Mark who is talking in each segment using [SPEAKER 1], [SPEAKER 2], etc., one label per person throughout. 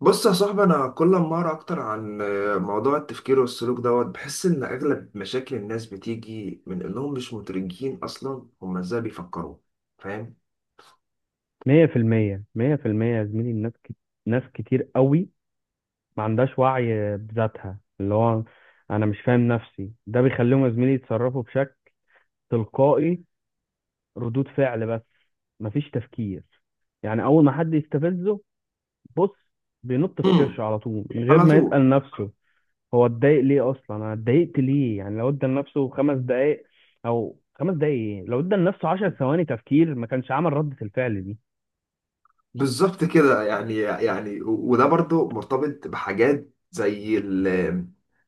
[SPEAKER 1] بص يا صاحبي، انا كل ما اقرا اكتر عن موضوع التفكير والسلوك دوت بحس ان اغلب مشاكل الناس بتيجي من انهم مش مدركين اصلا هما ازاي بيفكروا. فاهم.
[SPEAKER 2] مية في المية، 100% يا زميلي. الناس ناس كتير قوي ما عندهاش وعي بذاتها، اللي هو أنا مش فاهم نفسي. ده بيخليهم يا زميلي يتصرفوا بشكل تلقائي، ردود فعل بس، مفيش تفكير. يعني أول ما حد يستفزه، بص، بينط في كرشه
[SPEAKER 1] هم.
[SPEAKER 2] على طول من غير
[SPEAKER 1] على
[SPEAKER 2] ما
[SPEAKER 1] طول.
[SPEAKER 2] يسأل نفسه هو اتضايق ليه أصلا، أنا اتضايقت ليه. يعني لو ادى لنفسه 5 دقايق، أو 5 دقايق إيه؟ لو ادى لنفسه 10 ثواني تفكير ما كانش عمل ردة الفعل
[SPEAKER 1] بالظبط كده. يعني وده برضو مرتبط بحاجات زي ال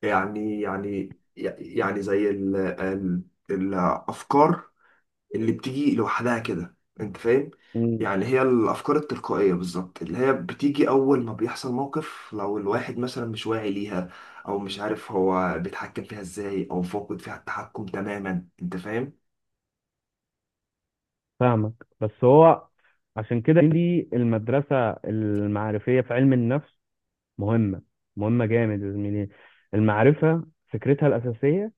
[SPEAKER 1] يعني يعني يعني زي ال الافكار اللي بتيجي لوحدها كده، انت فاهم؟
[SPEAKER 2] دي.
[SPEAKER 1] يعني هي الافكار التلقائيه بالظبط اللي هي بتيجي اول ما بيحصل موقف، لو الواحد مثلا مش واعي ليها، او مش عارف هو بيتحكم فيها ازاي، او فاقد فيها التحكم تماما. انت فاهم؟
[SPEAKER 2] فاهمك. بس هو عشان كده دي المدرسة المعرفية في علم النفس مهمة، مهمة جامد يا زميلي. المعرفة فكرتها الأساسية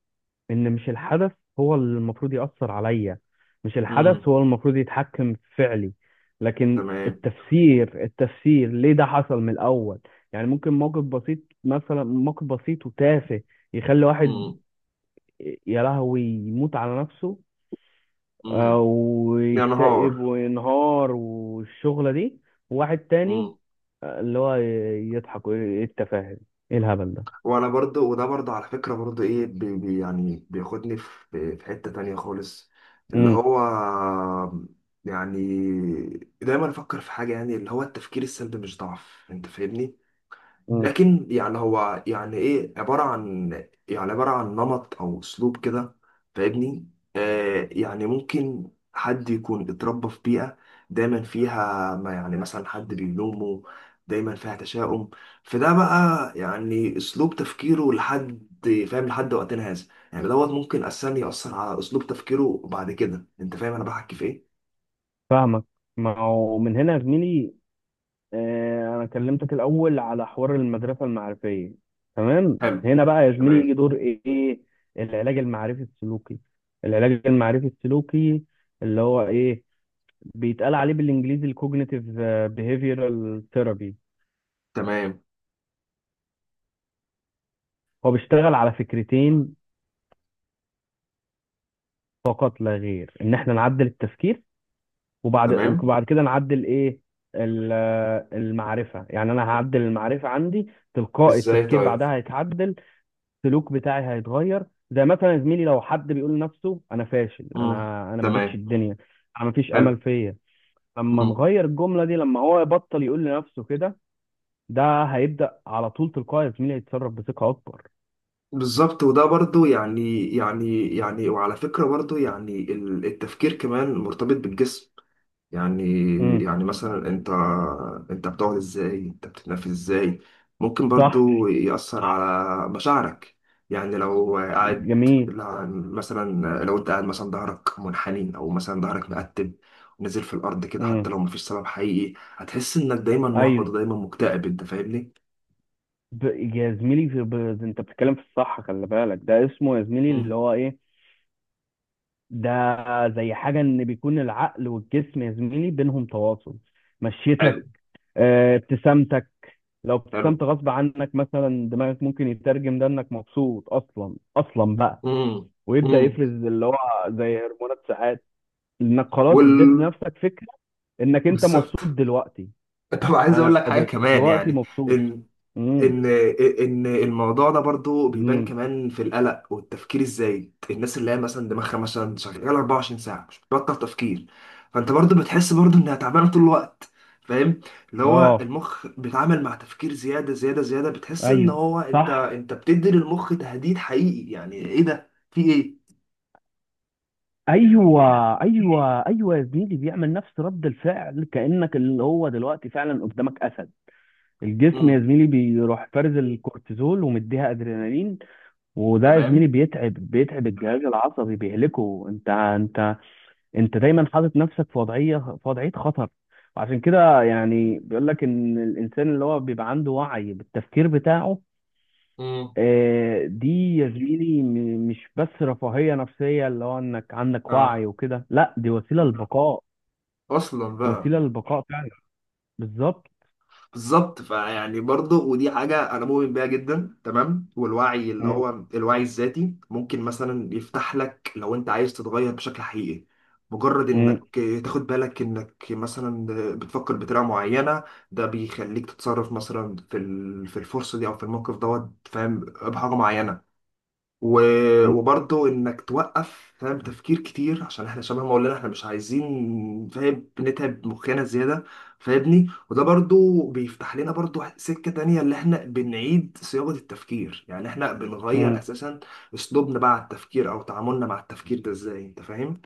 [SPEAKER 2] إن مش الحدث هو اللي المفروض يأثر عليا، مش الحدث
[SPEAKER 1] امم.
[SPEAKER 2] هو المفروض يتحكم في فعلي، لكن
[SPEAKER 1] تمام.
[SPEAKER 2] التفسير، التفسير ليه ده حصل من الأول. يعني ممكن موقف بسيط، مثلا موقف بسيط وتافه، يخلي واحد
[SPEAKER 1] امم.
[SPEAKER 2] يا لهوي يموت على نفسه،
[SPEAKER 1] امم. يا نهار.
[SPEAKER 2] ويكتئب وينهار والشغلة دي. وواحد تاني اللي هو يضحك ويقول ايه التفاهة، ايه الهبل ده.
[SPEAKER 1] وانا برضو، وده برضو على فكرة برضو ايه، بي يعني بياخدني في حتة تانية خالص اللي
[SPEAKER 2] امم.
[SPEAKER 1] هو، يعني دايما افكر في حاجة، يعني اللي هو التفكير السلبي مش ضعف. انت فاهمني؟
[SPEAKER 2] مم.
[SPEAKER 1] لكن يعني هو يعني ايه عبارة عن، يعني عبارة عن نمط او اسلوب كده. فاهمني؟ يعني ممكن حد يكون اتربى في بيئة دايما فيها ما، يعني مثلا حد بيلومه، دايما فيها تشاؤم، فده بقى يعني اسلوب تفكيره لحد، فاهم، لحد وقتنا هذا. يعني دوت ممكن اساسا يأثر على اسلوب تفكيره بعد كده. انت فاهم انا بحكي في ايه؟
[SPEAKER 2] فاهمك. ما هو من هنا يا زميلي انا كلمتك الاول على حوار المدرسه المعرفيه. تمام،
[SPEAKER 1] حلو.
[SPEAKER 2] هنا بقى يا زميلي
[SPEAKER 1] تمام.
[SPEAKER 2] يجي دور ايه؟ العلاج المعرفي السلوكي، العلاج المعرفي السلوكي، اللي هو ايه، بيتقال عليه بالانجليزي الكوجنيتيف بيهيفيرال ثيرابي.
[SPEAKER 1] تمام.
[SPEAKER 2] هو بيشتغل على فكرتين فقط لا غير، ان احنا نعدل التفكير، وبعد
[SPEAKER 1] تمام.
[SPEAKER 2] وبعد كده نعدل ايه، ال- المعرفة. يعني انا هعدل المعرفة عندي، تلقائي
[SPEAKER 1] ازاي
[SPEAKER 2] التفكير
[SPEAKER 1] طيب؟
[SPEAKER 2] بعدها هيتعدل، السلوك بتاعي هيتغير. زي مثلا يا زميلي لو حد بيقول لنفسه انا فاشل،
[SPEAKER 1] امم.
[SPEAKER 2] انا ما جيتش
[SPEAKER 1] تمام.
[SPEAKER 2] الدنيا، انا ما فيش
[SPEAKER 1] حلو.
[SPEAKER 2] امل فيا، لما
[SPEAKER 1] مم.
[SPEAKER 2] نغير الجملة دي، لما هو يبطل يقول لنفسه كده، ده هيبدأ على طول تلقائي يا زميلي يتصرف بثقة اكبر.
[SPEAKER 1] بالظبط، وده برضو يعني وعلى فكرة برضو يعني التفكير كمان مرتبط بالجسم. يعني،
[SPEAKER 2] امم.
[SPEAKER 1] يعني مثلا انت بتقعد ازاي، انت بتتنفس ازاي، ممكن
[SPEAKER 2] صح.
[SPEAKER 1] برضو يأثر على مشاعرك. يعني لو قاعد،
[SPEAKER 2] جميل.
[SPEAKER 1] مثلا لو انت قاعد مثلا ظهرك منحني، او مثلا ظهرك مقتب ونزل في الارض كده، حتى
[SPEAKER 2] امم.
[SPEAKER 1] لو مفيش سبب حقيقي هتحس انك دايما محبط
[SPEAKER 2] ايوه.
[SPEAKER 1] ودايما مكتئب. انت فاهمني؟
[SPEAKER 2] ب... يا زميلي انت بتتكلم في الصح، خلي بالك، ده اسمه يا زميلي
[SPEAKER 1] مم.
[SPEAKER 2] اللي هو ايه، ده زي حاجه، ان بيكون العقل والجسم يا زميلي بينهم تواصل.
[SPEAKER 1] حلو.
[SPEAKER 2] مشيتك، ابتسامتك، لو
[SPEAKER 1] حلو.
[SPEAKER 2] ابتسمت غصب عنك مثلا دماغك ممكن يترجم ده انك مبسوط، اصلا، اصلا بقى،
[SPEAKER 1] مم.
[SPEAKER 2] ويبدا
[SPEAKER 1] مم.
[SPEAKER 2] يفرز اللي هو زي هرمونات سعاده، انك خلاص اديت
[SPEAKER 1] وال
[SPEAKER 2] لنفسك فكره انك انت
[SPEAKER 1] بالظبط.
[SPEAKER 2] مبسوط دلوقتي.
[SPEAKER 1] طب عايز اقول
[SPEAKER 2] انا
[SPEAKER 1] لك حاجه كمان
[SPEAKER 2] دلوقتي
[SPEAKER 1] يعني،
[SPEAKER 2] مبسوط.
[SPEAKER 1] ان
[SPEAKER 2] امم.
[SPEAKER 1] ان ان الموضوع ده برضو بيبان
[SPEAKER 2] امم.
[SPEAKER 1] كمان في القلق والتفكير الزايد. الناس اللي هي مثلا دماغها مثلا شغاله 24 ساعه مش بتبطل تفكير، فانت برضو بتحس برضو انها تعبانه طول الوقت. فاهم؟ اللي هو
[SPEAKER 2] اه.
[SPEAKER 1] المخ بيتعامل مع تفكير زياده زياده زياده، بتحس ان
[SPEAKER 2] ايوه.
[SPEAKER 1] هو انت
[SPEAKER 2] صح.
[SPEAKER 1] انت بتدي للمخ تهديد حقيقي، يعني ايه ده، في ايه؟
[SPEAKER 2] ايوه، ايوه، ايوه يا زميلي، بيعمل نفس رد الفعل كانك اللي هو دلوقتي فعلا قدامك اسد. الجسم يا
[SPEAKER 1] امم.
[SPEAKER 2] زميلي بيروح فارز الكورتيزول ومديها ادرينالين، وده يا زميلي
[SPEAKER 1] تمام.
[SPEAKER 2] بيتعب، بيتعب الجهاز العصبي، بيهلكه. انت دايما حاطط نفسك في وضعيه خطر. وعشان كده يعني بيقول لك ان الانسان اللي هو بيبقى عنده وعي بالتفكير بتاعه،
[SPEAKER 1] امم.
[SPEAKER 2] دي يا زميلي مش بس رفاهية نفسية اللي هو انك عندك
[SPEAKER 1] اه.
[SPEAKER 2] وعي وكده، لا، دي وسيلة للبقاء،
[SPEAKER 1] اصلا بقى.
[SPEAKER 2] وسيلة للبقاء فعلا. بالظبط.
[SPEAKER 1] بالظبط. فيعني برضه، ودي حاجة أنا مؤمن بيها جدا تمام. والوعي اللي
[SPEAKER 2] م-
[SPEAKER 1] هو الوعي الذاتي ممكن مثلا يفتح لك، لو أنت عايز تتغير بشكل حقيقي، مجرد إنك
[SPEAKER 2] م-
[SPEAKER 1] تاخد بالك إنك مثلا بتفكر بطريقة معينة، ده بيخليك تتصرف مثلا في الفرصة دي أو في الموقف دوت، فاهم، بحاجة معينة.
[SPEAKER 2] م-
[SPEAKER 1] وبرضه انك توقف، فاهم، تفكير كتير، عشان احنا شبه ما قلنا احنا مش عايزين، فاهم، نتعب مخنا زياده. فاهمني؟ وده برضه بيفتح لنا برضه سكه تانية، اللي احنا بنعيد صياغه التفكير، يعني احنا بنغير
[SPEAKER 2] م.
[SPEAKER 1] اساسا اسلوبنا بقى على التفكير، او تعاملنا مع التفكير ده ازاي. انت فاهم؟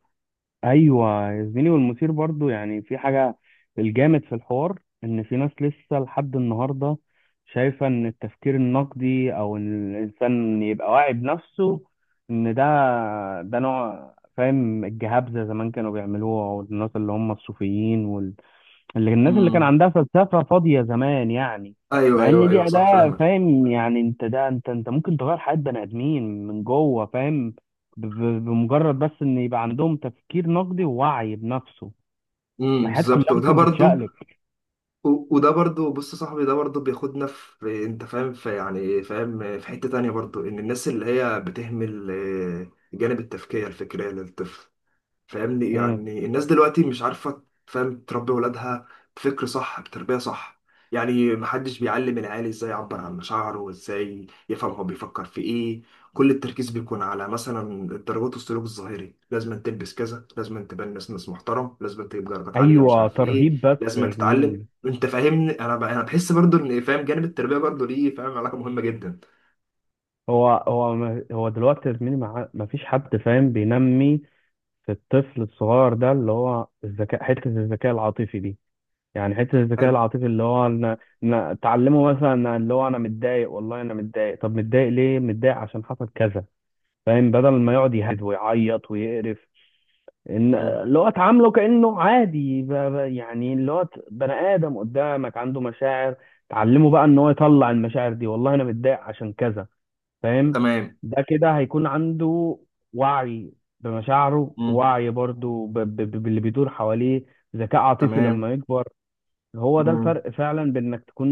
[SPEAKER 2] ايوه يا زميلي، والمثير برضو يعني في حاجة، الجامد في الحوار ان في ناس لسه لحد النهاردة شايفة ان التفكير النقدي او ان الانسان يبقى واعي بنفسه، ان ده، ده نوع فاهم الجهابزة زمان كانوا بيعملوها، والناس اللي هم الصوفيين، اللي الناس اللي كان
[SPEAKER 1] امم.
[SPEAKER 2] عندها فلسفة فاضية زمان يعني.
[SPEAKER 1] ايوه،
[SPEAKER 2] مع
[SPEAKER 1] ايوه،
[SPEAKER 2] ان دي
[SPEAKER 1] ايوه. صح.
[SPEAKER 2] أداة
[SPEAKER 1] فاهمك.
[SPEAKER 2] فاهم، يعني انت ده انت ممكن تغير حياة بني آدمين من جوه فاهم، بمجرد بس ان يبقى عندهم تفكير نقدي ووعي بنفسه، ما
[SPEAKER 1] امم.
[SPEAKER 2] الحياة كلها
[SPEAKER 1] بالظبط، وده
[SPEAKER 2] ممكن
[SPEAKER 1] برضه،
[SPEAKER 2] تتشقلب.
[SPEAKER 1] وده برضو، بص يا صاحبي، ده برضو بياخدنا في، انت فاهم، في، يعني، فاهم، في حتة تانية برضو، ان الناس اللي هي بتهمل جانب التفكير الفكري للطفل. فاهمني؟
[SPEAKER 2] مم.
[SPEAKER 1] يعني الناس دلوقتي مش عارفة، فاهم، تربي ولادها بفكر صح، بتربية صح. يعني محدش بيعلم العيال ازاي يعبر عن مشاعره، وازاي يفهم هو بيفكر في ايه. كل التركيز بيكون على مثلا الدرجات والسلوك الظاهري: لازم تلبس كذا، لازم تبان ناس محترم، لازم تجيب درجات عالية، مش
[SPEAKER 2] ايوه
[SPEAKER 1] عارف ايه،
[SPEAKER 2] ترهيب بس
[SPEAKER 1] لازم
[SPEAKER 2] يا
[SPEAKER 1] تتعلم.
[SPEAKER 2] زميلي.
[SPEAKER 1] انت فاهمني؟ انا بحس برضو ان، فاهم، جانب التربية برضو ليه، فاهم، علاقة مهمة جدا.
[SPEAKER 2] هو دلوقتي يا زميلي ما فيش حد فاهم بينمي في الطفل الصغير ده اللي هو الذكاء، حتة الذكاء العاطفي دي. يعني حته الذكاء
[SPEAKER 1] حلو.
[SPEAKER 2] العاطفي اللي هو انا، تعلمه، مثلا أنا اللي هو انا متضايق، والله انا متضايق، طب متضايق ليه، متضايق عشان حصل كذا فاهم، بدل ما يقعد يهد ويعيط ويقرف، ان
[SPEAKER 1] مم.
[SPEAKER 2] اللي هو اتعامله كانه عادي، يعني اللي هو بني ادم قدامك عنده مشاعر. تعلمه بقى ان هو يطلع المشاعر دي، والله انا متضايق عشان كذا فاهم.
[SPEAKER 1] تمام.
[SPEAKER 2] ده كده هيكون عنده وعي بمشاعره،
[SPEAKER 1] مم.
[SPEAKER 2] وعي برضو باللي بيدور حواليه، ذكاء عاطفي
[SPEAKER 1] تمام.
[SPEAKER 2] لما يكبر. هو ده
[SPEAKER 1] مم.
[SPEAKER 2] الفرق فعلا بين انك تكون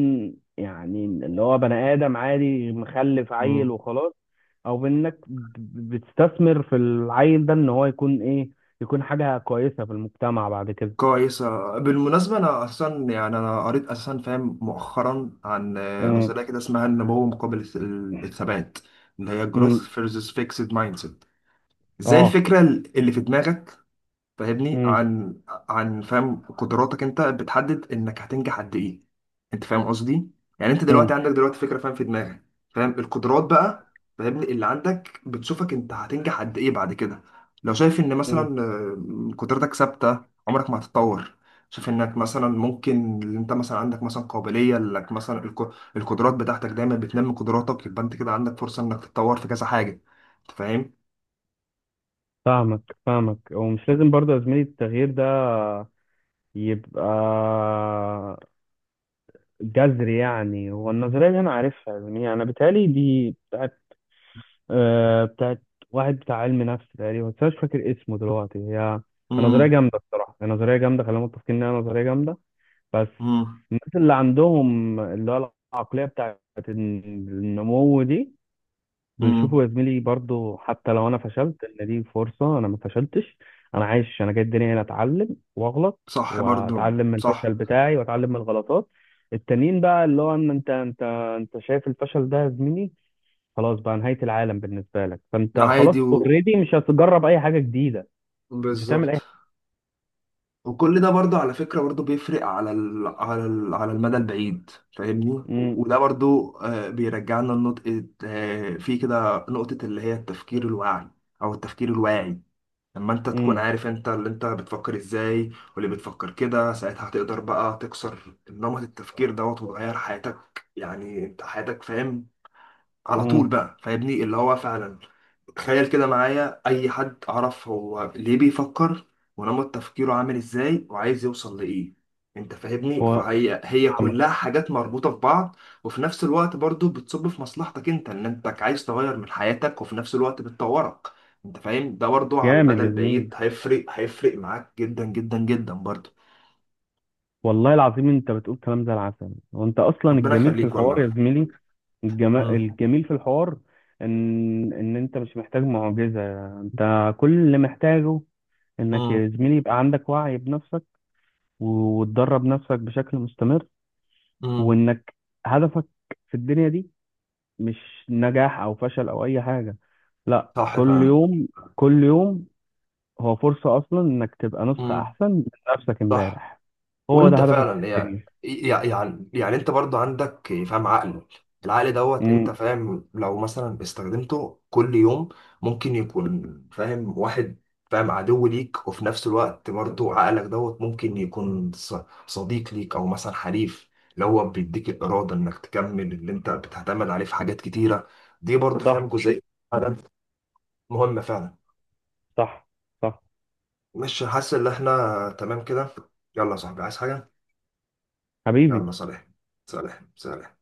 [SPEAKER 2] يعني اللي هو بني ادم عادي مخلف عيل
[SPEAKER 1] مم.
[SPEAKER 2] وخلاص، او بين انك بتستثمر في العيل ده ان هو يكون ايه، يكون حاجة كويسة في المجتمع بعد كده.
[SPEAKER 1] كويسة. بالمناسبة أنا أصلا يعني أنا قريت أساسا، فاهم، مؤخرا عن
[SPEAKER 2] امم.
[SPEAKER 1] نظرية كده اسمها النمو مقابل الثبات، اللي هي Growth
[SPEAKER 2] امم.
[SPEAKER 1] versus Fixed Mindset. زي
[SPEAKER 2] اه.
[SPEAKER 1] الفكرة اللي في دماغك، فاهمني،
[SPEAKER 2] امم.
[SPEAKER 1] عن، فاهم، قدراتك انت بتحدد انك هتنجح قد ايه. انت فاهم قصدي؟ يعني انت
[SPEAKER 2] امم.
[SPEAKER 1] دلوقتي عندك دلوقتي فكره، فاهم، في دماغك، فاهم، القدرات بقى، فاهمني، اللي عندك بتشوفك انت هتنجح قد ايه بعد كده. لو شايف ان
[SPEAKER 2] امم.
[SPEAKER 1] مثلا قدرتك ثابته، عمرك ما هتتطور. شايف انك مثلا ممكن، اللي انت مثلا عندك مثلا قابليه انك مثلا القدرات بتاعتك دايما بتنمي قدراتك، يبقى انت كده عندك فرصه انك تتطور في كذا حاجه. انت فاهم؟
[SPEAKER 2] فاهمك، فاهمك، ومش لازم برضه يا زميلي التغيير ده يبقى جذر. يعني هو النظرية دي أنا عارفها، يعني أنا بيتهيألي دي بتاعت، بتاعت واحد بتاع علم نفس تقريبا بس أنا مش فاكر اسمه دلوقتي. هي نظرية
[SPEAKER 1] امم.
[SPEAKER 2] جامدة الصراحة، هي نظرية جامدة، خلينا متفقين إنها نظرية جامدة. بس الناس اللي عندهم اللي هو العقلية بتاعت النمو دي،
[SPEAKER 1] امم.
[SPEAKER 2] بيشوفوا يا زميلي برضو حتى لو انا فشلت ان دي فرصه، انا ما فشلتش، انا عايش، انا جاي الدنيا هنا اتعلم واغلط،
[SPEAKER 1] صح برضو.
[SPEAKER 2] واتعلم من
[SPEAKER 1] صح.
[SPEAKER 2] الفشل بتاعي، واتعلم من الغلطات التانيين بقى، اللي هو ان انت، انت شايف الفشل ده يا زميلي خلاص بقى نهايه العالم بالنسبه لك، فانت خلاص
[SPEAKER 1] عادي
[SPEAKER 2] اوريدي مش هتجرب اي حاجه جديده، مش هتعمل
[SPEAKER 1] بالظبط.
[SPEAKER 2] اي...
[SPEAKER 1] وكل ده برضو على فكرة برضو بيفرق على المدى البعيد، فاهمني،
[SPEAKER 2] امم.
[SPEAKER 1] وده برضو بيرجعنا لنقطة، في كده نقطة اللي هي التفكير الواعي، أو التفكير الواعي. لما انت تكون
[SPEAKER 2] امم.
[SPEAKER 1] عارف انت اللي انت بتفكر ازاي واللي بتفكر كده، ساعتها هتقدر بقى تكسر نمط التفكير دوت وتغير حياتك. يعني انت حياتك، فاهم، على طول
[SPEAKER 2] امم.
[SPEAKER 1] بقى، فاهمني، اللي هو فعلا تخيل كده معايا اي حد، اعرف هو ليه بيفكر ونمط تفكيره عامل ازاي وعايز يوصل لايه. انت فاهمني؟
[SPEAKER 2] هو
[SPEAKER 1] فهي هي
[SPEAKER 2] فاهمك.
[SPEAKER 1] كلها حاجات مربوطة في بعض، وفي نفس الوقت برضو بتصب في مصلحتك انت، ان انت عايز تغير من حياتك، وفي نفس الوقت بتطورك. انت فاهم، ده برضو على
[SPEAKER 2] جامد
[SPEAKER 1] المدى
[SPEAKER 2] يا زميلي،
[SPEAKER 1] البعيد هيفرق، هيفرق معاك جدا جدا جدا برضو.
[SPEAKER 2] والله العظيم انت بتقول كلام زي العسل، وانت اصلا
[SPEAKER 1] ربنا
[SPEAKER 2] الجميل في
[SPEAKER 1] يخليك
[SPEAKER 2] الحوار
[SPEAKER 1] والله.
[SPEAKER 2] يا زميلي،
[SPEAKER 1] مم.
[SPEAKER 2] الجميل في الحوار ان ان انت مش محتاج معجزة. انت كل اللي محتاجه انك
[SPEAKER 1] مم.
[SPEAKER 2] يا زميلي يبقى عندك وعي بنفسك وتدرب نفسك بشكل مستمر،
[SPEAKER 1] مم.
[SPEAKER 2] وانك هدفك في الدنيا دي مش نجاح او فشل او اي حاجة، لا،
[SPEAKER 1] صح
[SPEAKER 2] كل
[SPEAKER 1] فعلا.
[SPEAKER 2] يوم، كل يوم هو فرصة اصلا انك تبقى نسخة
[SPEAKER 1] مم.
[SPEAKER 2] احسن من نفسك
[SPEAKER 1] صح.
[SPEAKER 2] امبارح، هو ده
[SPEAKER 1] وانت
[SPEAKER 2] هدفك في
[SPEAKER 1] فعلا
[SPEAKER 2] الدنيا.
[SPEAKER 1] يعني انت برضو عندك، فاهم، عقل. العقل دوت، انت
[SPEAKER 2] امم.
[SPEAKER 1] فاهم، لو مثلا استخدمته كل يوم، ممكن يكون، فاهم، واحد، فاهم، عدو ليك. وفي نفس الوقت برضو عقلك دوت ممكن يكون صديق ليك، او مثلا حليف اللي هو بيديك الارادة انك تكمل، اللي انت بتعتمد عليه في حاجات كتيرة. دي برضو،
[SPEAKER 2] صح.
[SPEAKER 1] فاهم، جزئية فعلاً مهمة فعلا.
[SPEAKER 2] صح. صح.
[SPEAKER 1] مش حاسس ان احنا تمام كده؟ يلا يا صاحبي، عايز حاجة؟ يلا
[SPEAKER 2] حبيبي.
[SPEAKER 1] صالح. صالح. صالح.